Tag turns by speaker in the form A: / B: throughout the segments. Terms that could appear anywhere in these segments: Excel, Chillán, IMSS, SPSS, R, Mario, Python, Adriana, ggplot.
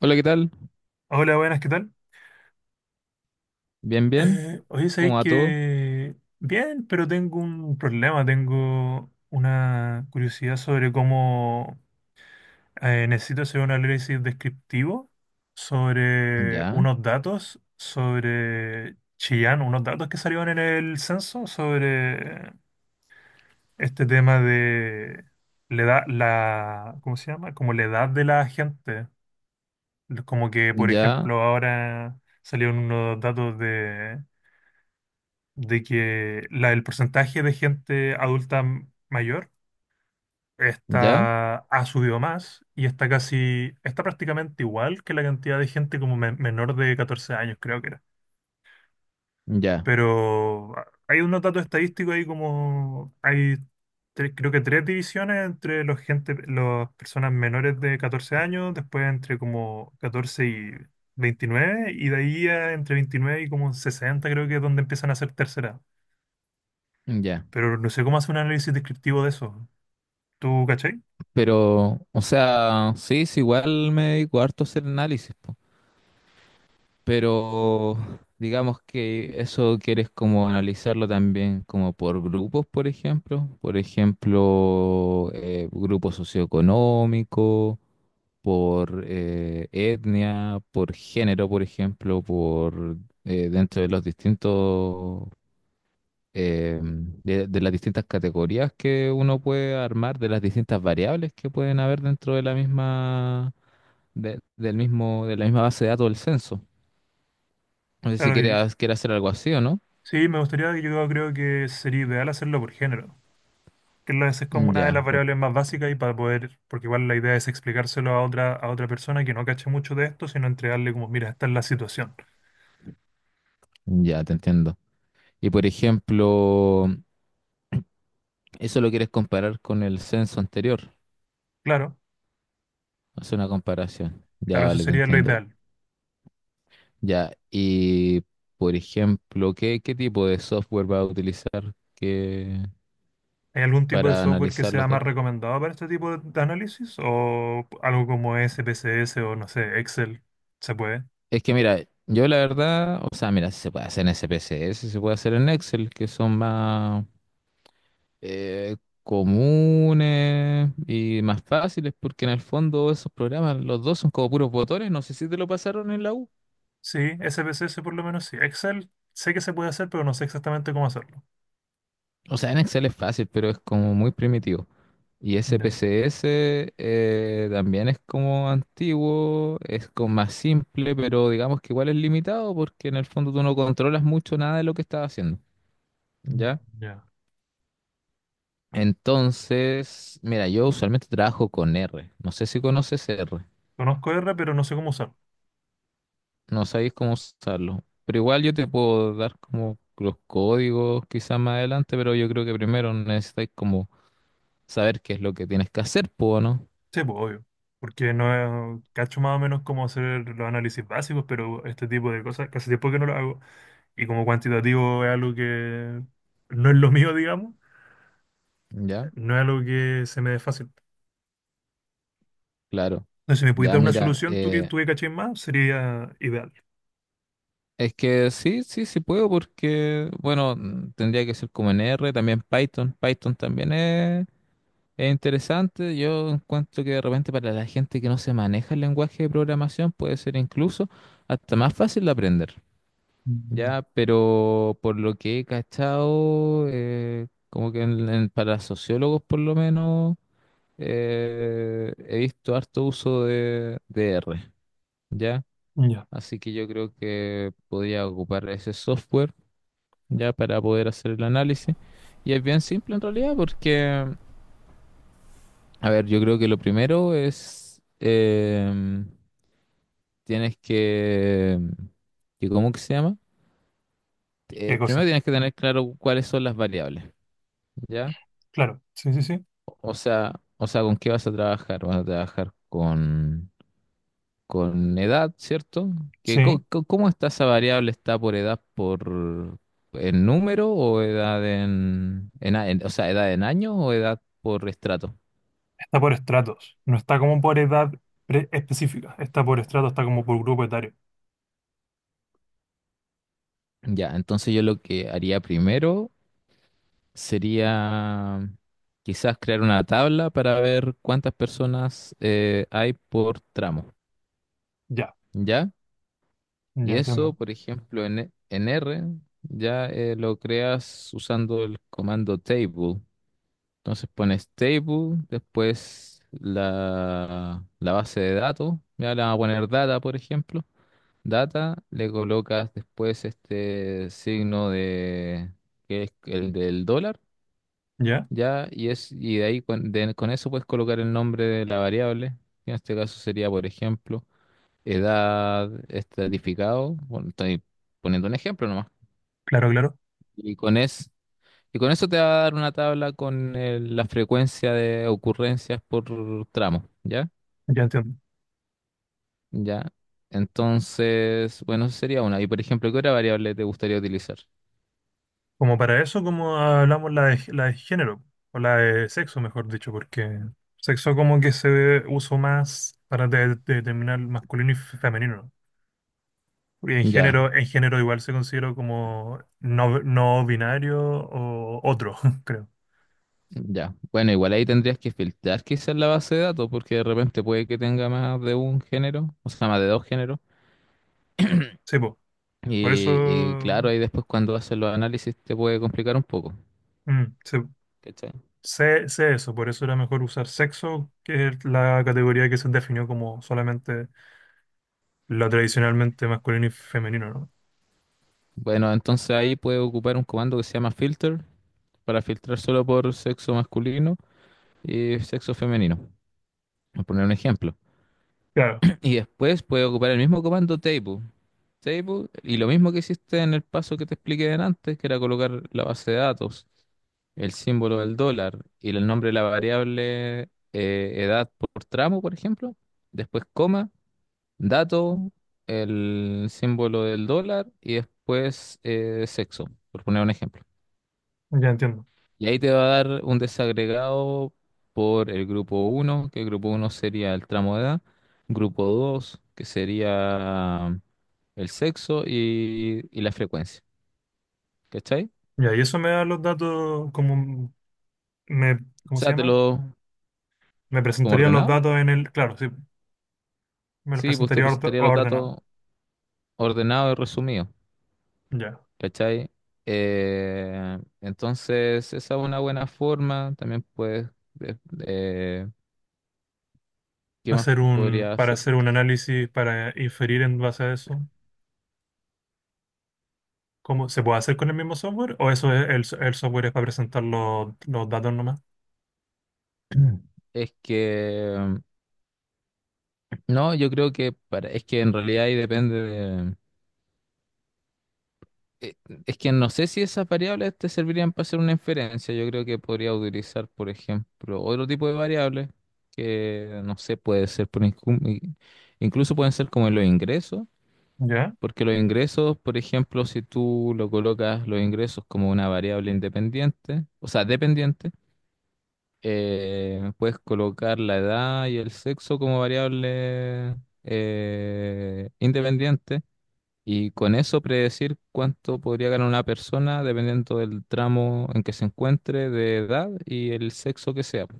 A: Hola, ¿qué tal?
B: Hola, buenas, ¿qué tal?
A: Bien, bien.
B: Oye,
A: ¿Cómo
B: sabéis
A: va todo?
B: que bien, pero tengo un problema, tengo una curiosidad sobre cómo necesito hacer un análisis descriptivo sobre
A: Ya,
B: unos datos, sobre Chillán, unos datos que salieron en el censo sobre este tema de la edad, ¿cómo se llama? Como la edad de la gente. Como que, por
A: ya,
B: ejemplo, ahora salieron unos datos de que el porcentaje de gente adulta mayor
A: ya,
B: está, ha subido más y está prácticamente igual que la cantidad de gente como menor de 14 años, creo que era.
A: ya,
B: Pero hay unos datos estadísticos ahí como, creo que tres divisiones entre los gente, las personas menores de 14 años, después entre como 14 y 29 y de ahí a entre 29 y como 60 creo que es donde empiezan a ser terceras
A: ya.
B: pero no sé cómo hacer un análisis descriptivo de eso. ¿Tú cachai?
A: Pero, o sea, sí, sí, igual me dedico harto a hacer análisis, po. Pero digamos que eso quieres como analizarlo también como por grupos, por ejemplo. Por ejemplo, grupo socioeconómico, por etnia, por género, por ejemplo, por dentro de los distintos de las distintas categorías que uno puede armar, de las distintas variables que pueden haber dentro de la misma, del mismo, de la misma base de datos del censo. No sé si
B: Claro,
A: quieres hacer algo así o no.
B: sí, me gustaría, yo creo que sería ideal hacerlo por género, esa es como una de
A: Ya,
B: las
A: por-
B: variables más básicas y para poder, porque igual la idea es explicárselo a otra persona que no cache mucho de esto, sino entregarle como, mira, esta es la situación.
A: ya te entiendo. Y por ejemplo, eso lo quieres comparar con el censo anterior.
B: Claro,
A: Hacer una comparación. Ya,
B: claro, eso
A: vale, te
B: sería lo
A: entiendo.
B: ideal.
A: Ya, y por ejemplo, ¿qué, qué tipo de software va a utilizar que,
B: ¿Hay algún tipo de
A: para
B: software que
A: analizar
B: sea
A: los
B: más
A: datos?
B: recomendado para este tipo de análisis? ¿O algo como SPSS o no sé, Excel? ¿Se puede?
A: Es que mira, yo la verdad, o sea, mira, si se puede hacer en SPSS, se puede hacer en Excel, que son más eh, comunes y más fáciles, porque en el fondo esos programas, los dos son como puros botones, no sé si te lo pasaron en la U.
B: Sí, SPSS por lo menos sí. Excel sé que se puede hacer, pero no sé exactamente cómo hacerlo.
A: O sea, en Excel es fácil, pero es como muy primitivo. Y
B: Ya,
A: SPSS también es como antiguo, es como más simple, pero digamos que igual es limitado, porque en el fondo tú no controlas mucho nada de lo que estás haciendo,
B: mm,
A: ¿ya?
B: ya.
A: Entonces, mira, yo usualmente trabajo con R. No sé si conoces R.
B: Conozco R, pero no sé cómo usar.
A: No sabéis cómo usarlo. Pero igual yo te puedo dar como los códigos quizás más adelante, pero yo creo que primero necesitáis como saber qué es lo que tienes que hacer, ¿puedo no?
B: Sí, pues obvio. Porque no cacho más o menos cómo hacer los análisis básicos, pero este tipo de cosas casi tiempo que no lo hago. Y como cuantitativo es algo que no es lo mío, digamos,
A: ¿Ya?
B: no es algo que se me dé fácil.
A: Claro.
B: Entonces, si me pudieras
A: Ya,
B: dar una
A: mira,
B: solución, tú que tú que cachis más, sería ideal.
A: es que sí, sí, sí puedo porque, bueno, tendría que ser como en R, también Python. Python también es. Es interesante, yo encuentro que de repente para la gente que no se maneja el lenguaje de programación puede ser incluso hasta más fácil de aprender,
B: Mm,
A: ¿ya? Pero por lo que he cachado, como que para sociólogos por lo menos, he visto harto uso de R, ¿ya?
B: ya,
A: Así que yo creo que podría ocupar ese software, ¿ya? Para poder hacer el análisis. Y es bien simple en realidad porque... A ver, yo creo que lo primero es, tienes que, ¿cómo que se llama?
B: qué
A: Primero
B: cosa.
A: tienes que tener claro cuáles son las variables, ¿ya?
B: Claro, sí, sí, sí.
A: O sea, ¿con qué vas a trabajar? Vas a trabajar con edad, ¿cierto? Que,
B: Sí,
A: ¿cómo está esa variable? ¿Está por edad por en número o edad en, o sea, edad en año o edad por estrato?
B: está por estratos. No está como por edad específica. Está por estratos, está como por grupo etario.
A: Ya, entonces yo lo que haría primero sería quizás crear una tabla para ver cuántas personas hay por tramo,
B: Ya,
A: ¿ya?
B: ya
A: Y eso,
B: entiendo.
A: por ejemplo, en, en R, ya lo creas usando el comando table. Entonces pones table, después la, la base de datos, ya le vamos a poner data, por ejemplo. Data, le colocas después este signo de, que es el del dólar.
B: Ya,
A: Ya, y es, y de ahí con, con eso puedes colocar el nombre de la variable, que en este caso sería, por ejemplo, edad estratificado. Bueno, estoy poniendo un ejemplo nomás.
B: claro, claro,
A: Y con es, y con eso te va a dar una tabla con la frecuencia de ocurrencias por tramo, ¿ya?
B: ya entiendo.
A: Ya. Entonces, bueno, eso sería una. Y por ejemplo, ¿qué otra variable te gustaría utilizar?
B: Como para eso, como hablamos la de género, o la de sexo, mejor dicho, porque sexo como que uso más para determinar masculino y femenino, ¿no? Porque en
A: Ya.
B: género, en género igual se considera como no, no binario o otro, creo.
A: Ya. Bueno, igual ahí tendrías que filtrar quizás la base de datos, porque de repente puede que tenga más de un género, o sea, más de dos géneros.
B: Sí, po. Por eso
A: Y claro, ahí después cuando haces los análisis te puede complicar un poco.
B: mm, sé,
A: ¿Cachai?
B: sé eso, por eso era mejor usar sexo, que es la categoría que se definió como solamente lo tradicionalmente masculino y femenino, ¿no?
A: Bueno, entonces ahí puedes ocupar un comando que se llama filter para filtrar solo por sexo masculino y sexo femenino. Por poner un ejemplo.
B: Claro.
A: Y después puedes ocupar el mismo comando table. Table, y lo mismo que hiciste en el paso que te expliqué antes, que era colocar la base de datos, el símbolo del dólar y el nombre de la variable, edad por tramo, por ejemplo, después coma, dato, el símbolo del dólar y después sexo, por poner un ejemplo.
B: Ya entiendo.
A: Y ahí te va a dar un desagregado por el grupo uno que el grupo uno sería el tramo de edad, grupo 2 que sería el sexo y la frecuencia. ¿Cachai?
B: Ya, y eso me da los datos, me,
A: O
B: ¿cómo se
A: sea, te
B: llama?
A: lo
B: Me
A: como
B: presentaría los
A: ordenado.
B: datos claro, sí, me los
A: Sí, pues te
B: presentaría
A: presentaría los
B: ordenado.
A: datos ordenado y resumido,
B: Ya.
A: ¿cachai? Entonces, esa es una buena forma. También puedes, ¿qué más
B: Hacer un,
A: podría
B: para
A: hacer?
B: hacer un análisis, para inferir en base a eso, ¿cómo se puede hacer con el mismo software? ¿O eso es, el software es para presentar los datos nomás?
A: Es que, no, yo creo que para, es que en realidad ahí depende de... eh, es que no sé si esas variables te servirían para hacer una inferencia. Yo creo que podría utilizar, por ejemplo, otro tipo de variables que, no sé, puede ser, por incluso pueden ser como los ingresos.
B: Ya.
A: Porque los ingresos, por ejemplo, si tú lo colocas los ingresos como una variable independiente, o sea, dependiente, puedes colocar la edad y el sexo como variable independiente y con eso predecir cuánto podría ganar una persona dependiendo del tramo en que se encuentre de edad y el sexo que sea, po.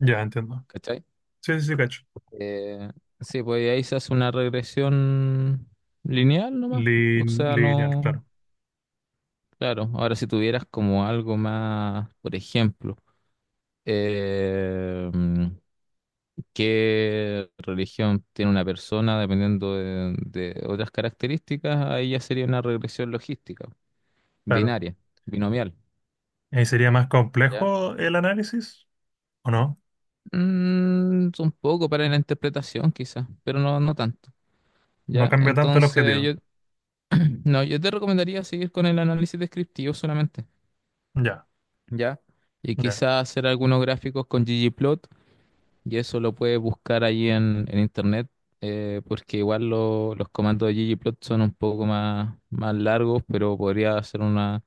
B: Ya, entiendo.
A: ¿Cachai?
B: Sí, sí, sí, cacho.
A: Eh, sí, pues ahí se hace una regresión lineal nomás. O sea,
B: Lineal,
A: no.
B: claro.
A: Claro, ahora si tuvieras como algo más, por ejemplo, eh, mm, qué religión tiene una persona dependiendo de otras características, ahí ya sería una regresión logística,
B: Claro.
A: binaria, binomial,
B: ¿Y sería más
A: ¿ya?
B: complejo el análisis? ¿O no?
A: Mm, un poco para la interpretación quizás, pero no, no tanto,
B: No
A: ¿ya?
B: cambia tanto el
A: Entonces yo,
B: objetivo.
A: no, yo te recomendaría seguir con el análisis descriptivo solamente,
B: Ya,
A: ¿ya? Y
B: ya.
A: quizás hacer algunos gráficos con ggplot. Y eso lo puedes buscar allí en internet, porque igual los comandos de ggplot son un poco más, más largos, pero podría hacer una,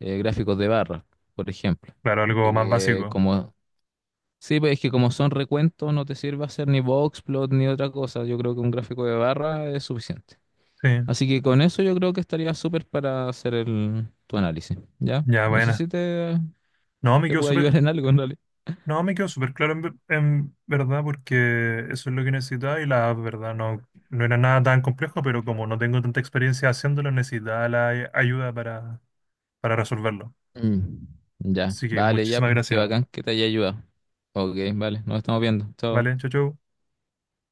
A: gráficos de barra, por ejemplo.
B: Claro, algo más
A: Que
B: básico.
A: como, sí, pues es que como son recuentos, no te sirve hacer ni boxplot ni otra cosa. Yo creo que un gráfico de barra es suficiente.
B: Sí,
A: Así que con eso yo creo que estaría súper para hacer el, tu análisis, ¿ya?
B: ya,
A: No sé
B: buena.
A: si te,
B: No, me
A: te
B: quedó
A: puede
B: súper,
A: ayudar en algo, en...
B: no, me quedó súper claro en verdad porque eso es lo que necesitaba y la app, verdad, no, no era nada tan complejo, pero como no tengo tanta experiencia haciéndolo, necesitaba la ayuda para resolverlo.
A: Mm, ya,
B: Así que
A: vale, ya,
B: muchísimas
A: pues, qué
B: gracias.
A: bacán que te haya ayudado. Ok, vale, nos estamos viendo. Chao.
B: Vale, chau, chau.